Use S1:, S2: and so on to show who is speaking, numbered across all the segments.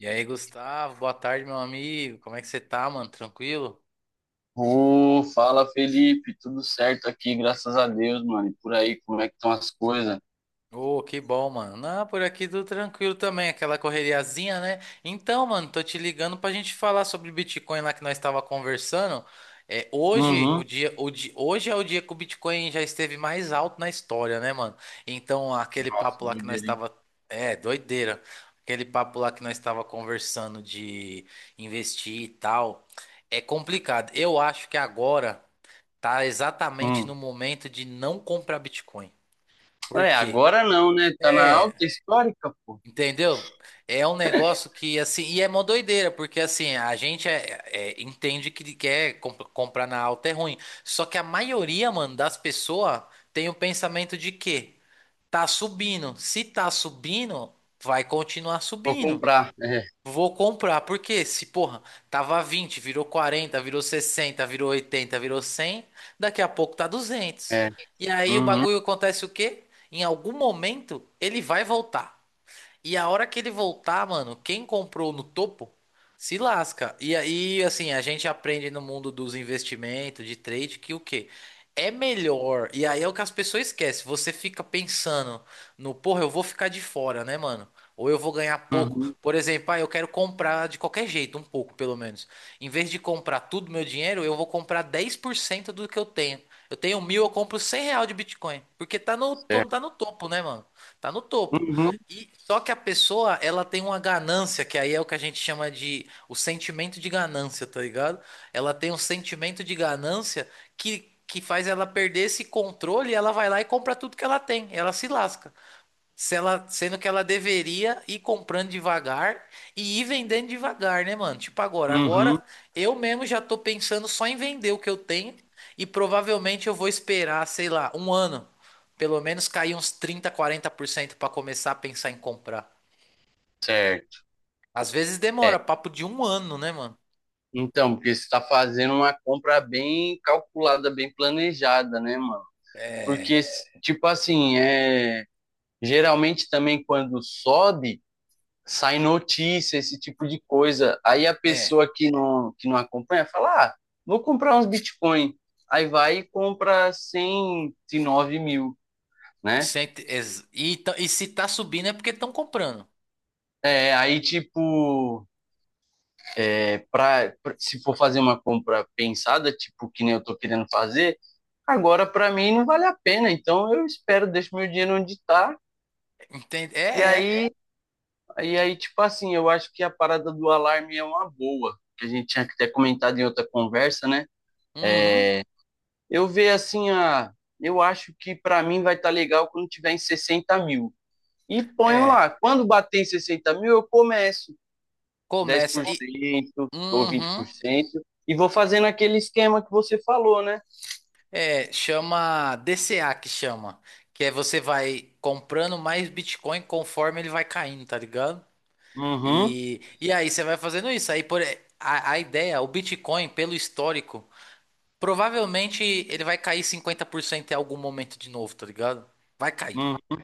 S1: E aí, Gustavo, boa tarde, meu amigo. Como é que você tá, mano? Tranquilo?
S2: Ô, fala Felipe, tudo certo aqui, graças a Deus, mano. E por aí, como é que estão as coisas?
S1: Ô, que bom, mano. Não, por aqui tudo tranquilo também, aquela correriazinha, né? Então, mano, tô te ligando pra gente falar sobre Bitcoin lá que nós estava conversando. É, hoje, o
S2: Uhum.
S1: dia, o di- hoje é o dia que o Bitcoin já esteve mais alto na história, né, mano? Então, aquele
S2: Nossa,
S1: papo lá que nós
S2: doideira, hein?
S1: estava, é, doideira. Aquele papo lá que nós estava conversando de investir e tal, é complicado. Eu acho que agora tá exatamente no
S2: Hum.
S1: momento de não comprar Bitcoin. Por
S2: É,
S1: quê?
S2: agora não, né? Tá na
S1: É,
S2: alta histórica, pô.
S1: entendeu? É um negócio que assim, e é uma doideira, porque assim, a gente entende que quer comprar na alta é ruim. Só que a maioria, mano, das pessoas tem o pensamento de que tá subindo. Se tá subindo, vai continuar
S2: Vou
S1: subindo.
S2: comprar. É,
S1: Vou comprar, porque se, porra, tava 20, virou 40, virou 60, virou 80, virou 100, daqui a pouco tá duzentos.
S2: é.
S1: E aí o
S2: Uhum,
S1: bagulho acontece o quê? Em algum momento ele vai voltar. E a hora que ele voltar, mano, quem comprou no topo se lasca. E aí, assim, a gente aprende no mundo dos investimentos, de trade, que o quê? É melhor. E aí é o que as pessoas esquecem. Você fica pensando no, porra, eu vou ficar de fora, né, mano? Ou eu vou ganhar pouco.
S2: uhum,
S1: Por exemplo, ah, eu quero comprar de qualquer jeito, um pouco pelo menos. Em vez de comprar tudo meu dinheiro, eu vou comprar 10% do que eu tenho. Eu tenho mil, eu compro 100 real de Bitcoin. Porque tá
S2: certo.
S1: no topo, né, mano? Tá no topo.
S2: Uhum,
S1: E só que a pessoa, ela tem uma ganância, que aí é o que a gente chama de o sentimento de ganância, tá ligado? Ela tem um sentimento de ganância que faz ela perder esse controle e ela vai lá e compra tudo que ela tem. Ela se lasca. Se ela, sendo que ela deveria ir comprando devagar e ir vendendo devagar, né, mano? Tipo agora,
S2: uhum,
S1: agora eu mesmo já tô pensando só em vender o que eu tenho e provavelmente eu vou esperar, sei lá, um ano, pelo menos cair uns trinta, quarenta por cento pra começar a pensar em comprar.
S2: certo.
S1: Às vezes demora, papo de um ano, né, mano?
S2: Então, porque você tá fazendo uma compra bem calculada, bem planejada, né, mano? Porque, tipo assim, geralmente também quando sobe, sai notícia, esse tipo de coisa. Aí a
S1: É,
S2: pessoa que não acompanha fala: ah, vou comprar uns Bitcoin. Aí vai e compra 109 mil, né?
S1: e se tá subindo é porque estão comprando.
S2: É, aí, tipo, é, se for fazer uma compra pensada, tipo, que nem eu tô querendo fazer, agora para mim não vale a pena. Então eu espero, deixo meu dinheiro onde tá.
S1: Entende?
S2: E
S1: É, é.
S2: aí, e aí, tipo assim, eu acho que a parada do alarme é uma boa, que a gente tinha até comentado em outra conversa, né?
S1: Uhum,
S2: Eu vejo assim, ah, eu acho que para mim vai estar legal quando tiver em 60 mil. E ponho
S1: é.
S2: lá. Quando bater em 60 mil, eu começo dez
S1: Começa
S2: por
S1: e.
S2: cento ou vinte
S1: Uhum.
S2: por cento e vou fazendo aquele esquema que você falou, né?
S1: É, chama DCA que chama, que é você vai comprando mais Bitcoin conforme ele vai caindo, tá ligado?
S2: Uhum,
S1: E aí você vai fazendo isso. Aí a ideia, o Bitcoin, pelo histórico, provavelmente ele vai cair 50% em algum momento de novo, tá ligado? Vai cair.
S2: uhum.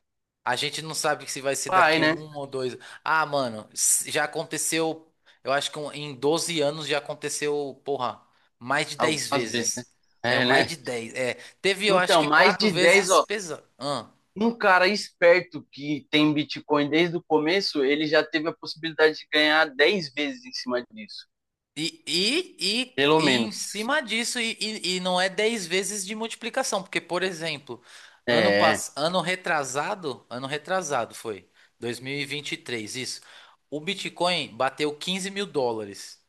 S1: A gente não sabe se vai ser
S2: Vai,
S1: daqui
S2: né?
S1: um ou dois. Ah, mano, já aconteceu. Eu acho que em 12 anos já aconteceu, porra, mais de 10
S2: Algumas vezes, né?
S1: vezes. É,
S2: É,
S1: mais de
S2: né?
S1: 10. É, teve, eu acho
S2: Então,
S1: que
S2: mais
S1: quatro
S2: de 10,
S1: vezes
S2: ó.
S1: pesado.
S2: Um cara esperto que tem Bitcoin desde o começo, ele já teve a possibilidade de ganhar 10 vezes em cima disso.
S1: E, e, e, cu-
S2: Pelo
S1: e em
S2: menos.
S1: cima disso, e não é 10 vezes de multiplicação. Porque, por exemplo,
S2: É.
S1: ano retrasado foi 2023, isso. O Bitcoin bateu 15 mil dólares.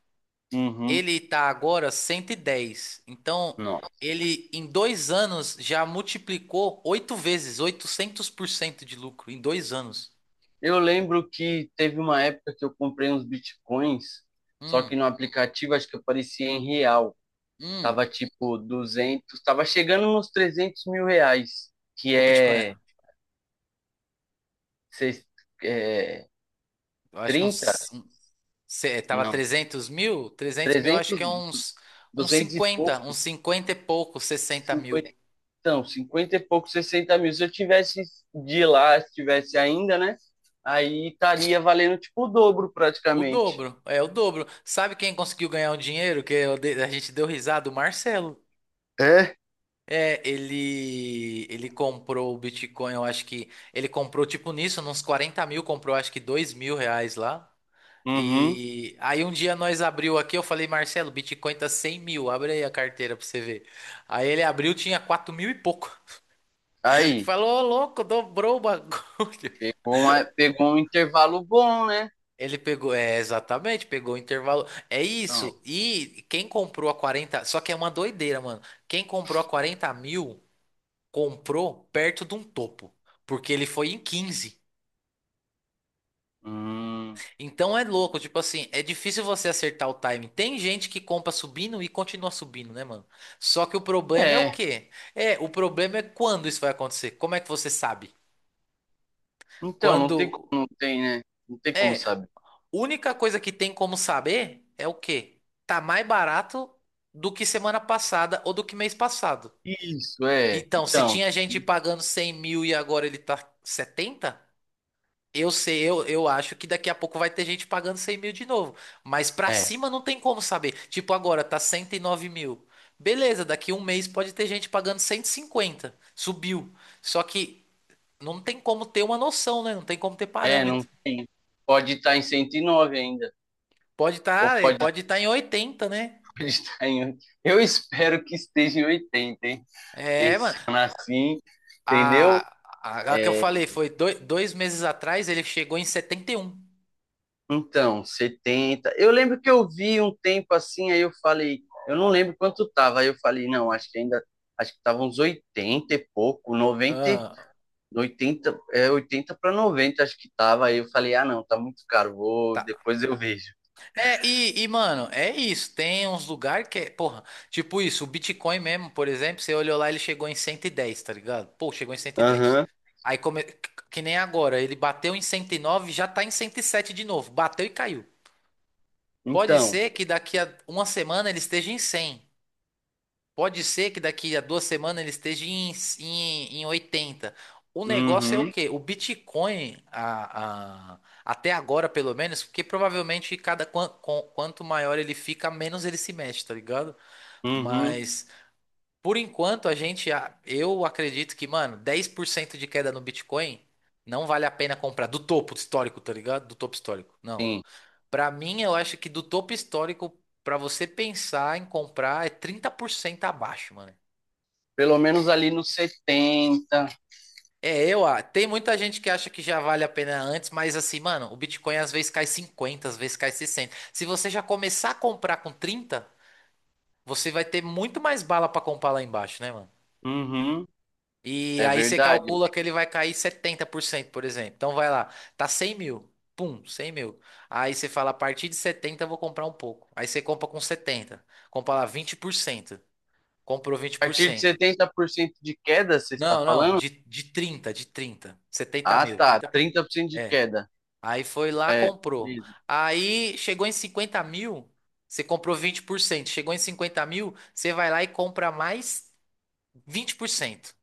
S2: Uhum.
S1: Ele tá agora 110. Então,
S2: Nossa.
S1: ele em 2 anos já multiplicou oito vezes, 800% de lucro em 2 anos.
S2: Eu lembro que teve uma época que eu comprei uns bitcoins, só que
S1: Hum,
S2: no aplicativo acho que aparecia em real.
S1: hum.
S2: Tava tipo 200, tava chegando nos 300 mil reais, que
S1: O Bitcoin,
S2: é, seis- é
S1: eu acho que é
S2: 30,
S1: tava
S2: não,
S1: trezentos mil, eu acho que é uns
S2: 200 e
S1: 50,
S2: pouco,
S1: uns 50 e pouco, 60 mil.
S2: 50, não, 50 e pouco, 60 mil. Se eu tivesse de lá, se tivesse ainda, né? Aí estaria valendo tipo o dobro
S1: O
S2: praticamente.
S1: dobro, é o dobro. Sabe quem conseguiu ganhar o dinheiro que a gente deu risada? O Marcelo.
S2: É?
S1: É, ele comprou o Bitcoin, eu acho que. Ele comprou, tipo, nisso, uns 40 mil, comprou acho que R$ 2 mil lá.
S2: Uhum.
S1: E aí um dia nós abriu aqui, eu falei, Marcelo, o Bitcoin tá 100 mil, abre aí a carteira pra você ver. Aí ele abriu, tinha 4 mil e pouco.
S2: Aí,
S1: Falou, ô louco, dobrou o bagulho.
S2: pegou um intervalo bom, né?
S1: Ele pegou, é, exatamente, pegou o intervalo. É
S2: Não.
S1: isso. E quem comprou a 40, só que é uma doideira, mano. Quem comprou a 40 mil, comprou perto de um topo, porque ele foi em quinze.
S2: Hum,
S1: Então é louco, tipo assim, é difícil você acertar o time. Tem gente que compra subindo e continua subindo, né, mano? Só que o problema é o
S2: é.
S1: quê? É, o problema é quando isso vai acontecer. Como é que você sabe?
S2: Então, não tem como,
S1: Quando
S2: não tem, né? Não tem como
S1: é,
S2: saber.
S1: Única coisa que tem como saber é o quê? Tá mais barato do que semana passada ou do que mês passado.
S2: Isso, é.
S1: Então, se
S2: Então,
S1: tinha gente pagando 100 mil e agora ele tá setenta. Eu sei, eu acho que daqui a pouco vai ter gente pagando 100 mil de novo. Mas pra
S2: é.
S1: cima não tem como saber. Tipo, agora tá 109 mil. Beleza, daqui um mês pode ter gente pagando 150. Subiu. Só que não tem como ter uma noção, né? Não tem como ter
S2: É, não
S1: parâmetro.
S2: tem. Pode estar em 109 ainda.
S1: Pode
S2: Ou
S1: estar,
S2: pode,
S1: pode estar em 80, né?
S2: pode estar em 80. Eu espero que esteja em 80, hein?
S1: É, mano.
S2: Pensando assim, entendeu?
S1: A, a que eu falei foi dois meses atrás, ele chegou em 71.
S2: Então, 70. Eu lembro que eu vi um tempo assim, aí eu falei, eu não lembro quanto tava. Aí eu falei, não,
S1: Hum.
S2: acho que ainda. Acho que tava uns 80 e pouco, 90,
S1: Ah,
S2: do 80 é 80 para 90 acho que tava. Aí eu falei, ah, não, tá muito caro, vou,
S1: tá.
S2: depois eu vejo.
S1: É, mano, é isso. Tem uns lugares que é, porra, tipo isso, o Bitcoin mesmo, por exemplo, você olhou lá, ele chegou em 110, tá ligado? Pô, chegou em cento e dez.
S2: Aham.
S1: Aí, come... que nem agora, ele bateu em 109, já tá em 107 de novo. Bateu e caiu. Pode
S2: Então,
S1: ser que daqui a uma semana ele esteja em cem. Pode ser que daqui a duas semanas ele esteja em, em 80. O negócio é o
S2: uhum,
S1: quê? O Bitcoin, até agora pelo menos, porque provavelmente cada quanto maior ele fica, menos ele se mexe, tá ligado?
S2: uhum,
S1: Mas por enquanto eu acredito que, mano, 10% de queda no Bitcoin não vale a pena comprar do topo histórico, tá ligado? Do topo histórico. Não.
S2: sim.
S1: Pra mim, eu acho que do topo histórico, pra você pensar em comprar, é 30% abaixo, mano.
S2: Pelo menos ali nos 70.
S1: É, ah, tem muita gente que acha que já vale a pena antes, mas assim, mano, o Bitcoin às vezes cai cinquenta, às vezes cai sessenta. Se você já começar a comprar com trinta, você vai ter muito mais bala pra comprar lá embaixo, né, mano?
S2: Uhum,
S1: E
S2: é
S1: aí você
S2: verdade.
S1: calcula que ele vai cair 70% por exemplo. Então vai lá, tá 100 mil. Pum, 100 mil. Aí você fala, a partir de setenta eu vou comprar um pouco. Aí você compra com setenta. Compra lá vinte por cento. Comprou vinte
S2: A
S1: por
S2: partir de
S1: cento.
S2: 70% de queda, você está
S1: Não, não,
S2: falando?
S1: de trinta 70
S2: Ah,
S1: mil,
S2: tá, 30% de
S1: 30%.
S2: queda.
S1: Aí foi lá,
S2: É,
S1: comprou.
S2: isso.
S1: Aí chegou em 50 mil, você comprou 20%. Chegou em 50 mil, você vai lá e compra mais vinte por cento.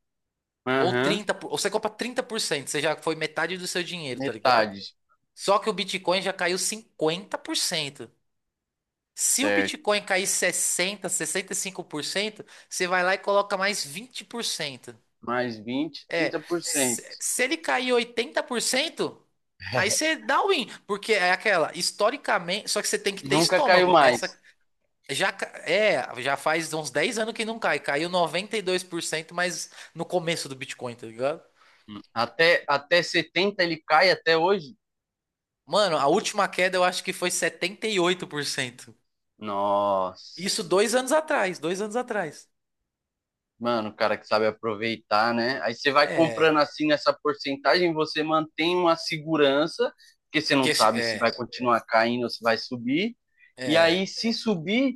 S1: Ou
S2: Aham,
S1: 30%, ou você compra 30%. Você já foi metade do seu dinheiro, tá ligado?
S2: metade,
S1: Só que o Bitcoin já caiu 50%. Se o
S2: certo.
S1: Bitcoin cair sessenta, 65%, você vai lá e coloca mais 20%.
S2: Mais vinte,
S1: É,
S2: trinta por cento.
S1: se ele cair 80%. Aí você dá o win, porque é aquela, historicamente, só que você tem que ter
S2: Nunca caiu
S1: estômago.
S2: mais.
S1: Essa já faz uns 10 anos que não cai, caiu 92%, mas no começo do Bitcoin, tá ligado?
S2: Até 70 ele cai até hoje?
S1: Mano, a última queda eu acho que foi 78%.
S2: Nossa.
S1: Isso dois anos atrás.
S2: Mano, o cara que sabe aproveitar, né? Aí você
S1: É,
S2: vai comprando
S1: é
S2: assim nessa porcentagem, você mantém uma segurança, porque você não
S1: que esse-
S2: sabe se vai
S1: é,
S2: continuar caindo ou se vai subir. E
S1: é,
S2: aí, se subir,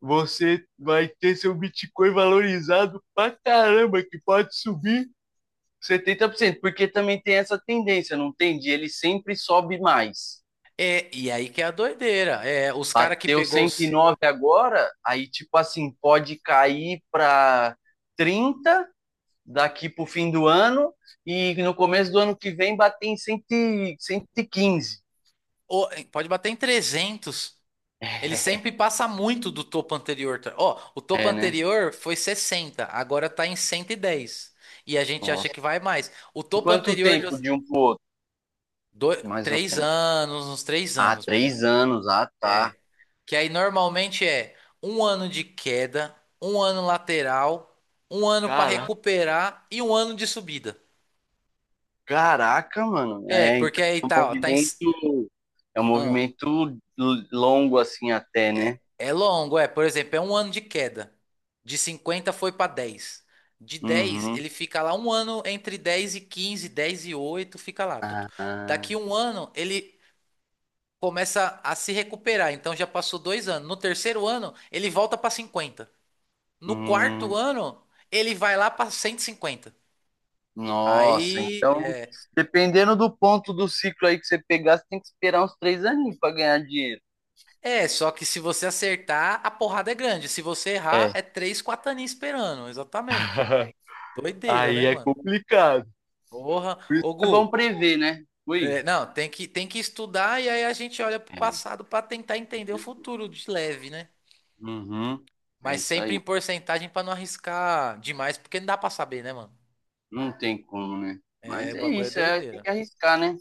S2: você vai ter seu Bitcoin valorizado pra caramba, que pode subir 70%, porque também tem essa tendência, não tem? De ele sempre sobe mais.
S1: é, e aí que é a doideira. É, os cara que
S2: Bateu
S1: pegou
S2: cento e
S1: os,
S2: nove agora, aí tipo assim, pode cair para 30 daqui para o fim do ano e no começo do ano que vem bater em 115.
S1: ô, pode bater em 300. Ele sempre passa muito do topo anterior. Tá? Ó, o topo
S2: É, né?
S1: anterior foi 60, agora tá em 110. E dez. E a gente acha
S2: Nossa.
S1: que vai mais. O
S2: Em
S1: topo
S2: quanto
S1: anterior de
S2: tempo de um pro outro?
S1: dois,
S2: Mais ou
S1: três
S2: menos.
S1: anos, uns três
S2: Ah,
S1: anos mais ou
S2: três
S1: menos.
S2: anos. Ah, tá.
S1: Que aí normalmente é um ano de queda, um ano lateral, um ano para
S2: Cara,
S1: recuperar e um ano de subida.
S2: caraca, mano.
S1: É,
S2: É,
S1: porque
S2: então
S1: aí
S2: é um
S1: tá, ó, tá em.
S2: movimento. É um
S1: Ahn.
S2: movimento longo assim até,
S1: É,
S2: né?
S1: é longo, é. Por exemplo, é um ano de queda. De 50 foi para 10. De dez
S2: Uhum.
S1: ele fica lá um ano entre 10 e 15, 10 e 8 fica lá.
S2: Ah,
S1: Daqui um ano, ele começa a se recuperar. Então já passou dois anos. No terceiro ano, ele volta para 50. No quarto
S2: hum,
S1: ano, ele vai lá para 150.
S2: nossa,
S1: Aí,
S2: então, dependendo do ponto do ciclo aí que você pegar, você tem que esperar uns 3 aninhos para ganhar dinheiro.
S1: só que se você acertar, a porrada é grande. Se você errar,
S2: É.
S1: é 3 4 aninhos esperando. Exatamente. Doideira, né,
S2: Aí é
S1: mano?
S2: complicado.
S1: Porra, ô
S2: É bom
S1: Gu,
S2: prever, né? Ui.
S1: é, não, tem que, estudar e aí a gente olha pro
S2: É.
S1: passado pra tentar entender o
S2: você-
S1: futuro de leve, né?
S2: Uhum. É
S1: Mas
S2: isso
S1: sempre
S2: aí.
S1: em porcentagem pra não arriscar demais, porque não dá pra saber, né, mano?
S2: Não tem como, né?
S1: É,
S2: Mas
S1: o
S2: é
S1: bagulho é
S2: isso, é, tem
S1: doideira.
S2: que arriscar, né?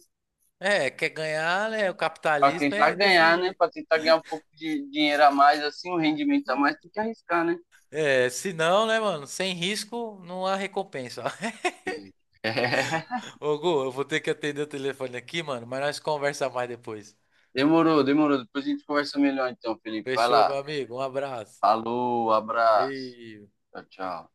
S1: É, quer ganhar, né? O
S2: Pra
S1: capitalismo
S2: tentar
S1: é desse
S2: ganhar, né?
S1: jeito.
S2: Pra tentar ganhar um pouco de dinheiro a mais, assim, um rendimento a mais, tem que arriscar, né?
S1: É, se não, né, mano? Sem risco não há recompensa.
S2: É.
S1: Ô Gu, eu vou ter que atender o telefone aqui, mano, mas nós conversamos mais depois.
S2: Demorou, demorou. Depois a gente conversa melhor então, Felipe. Vai
S1: Fechou, meu
S2: lá.
S1: amigo? Um abraço.
S2: Falou, abraço.
S1: Valeu.
S2: Tchau, tchau.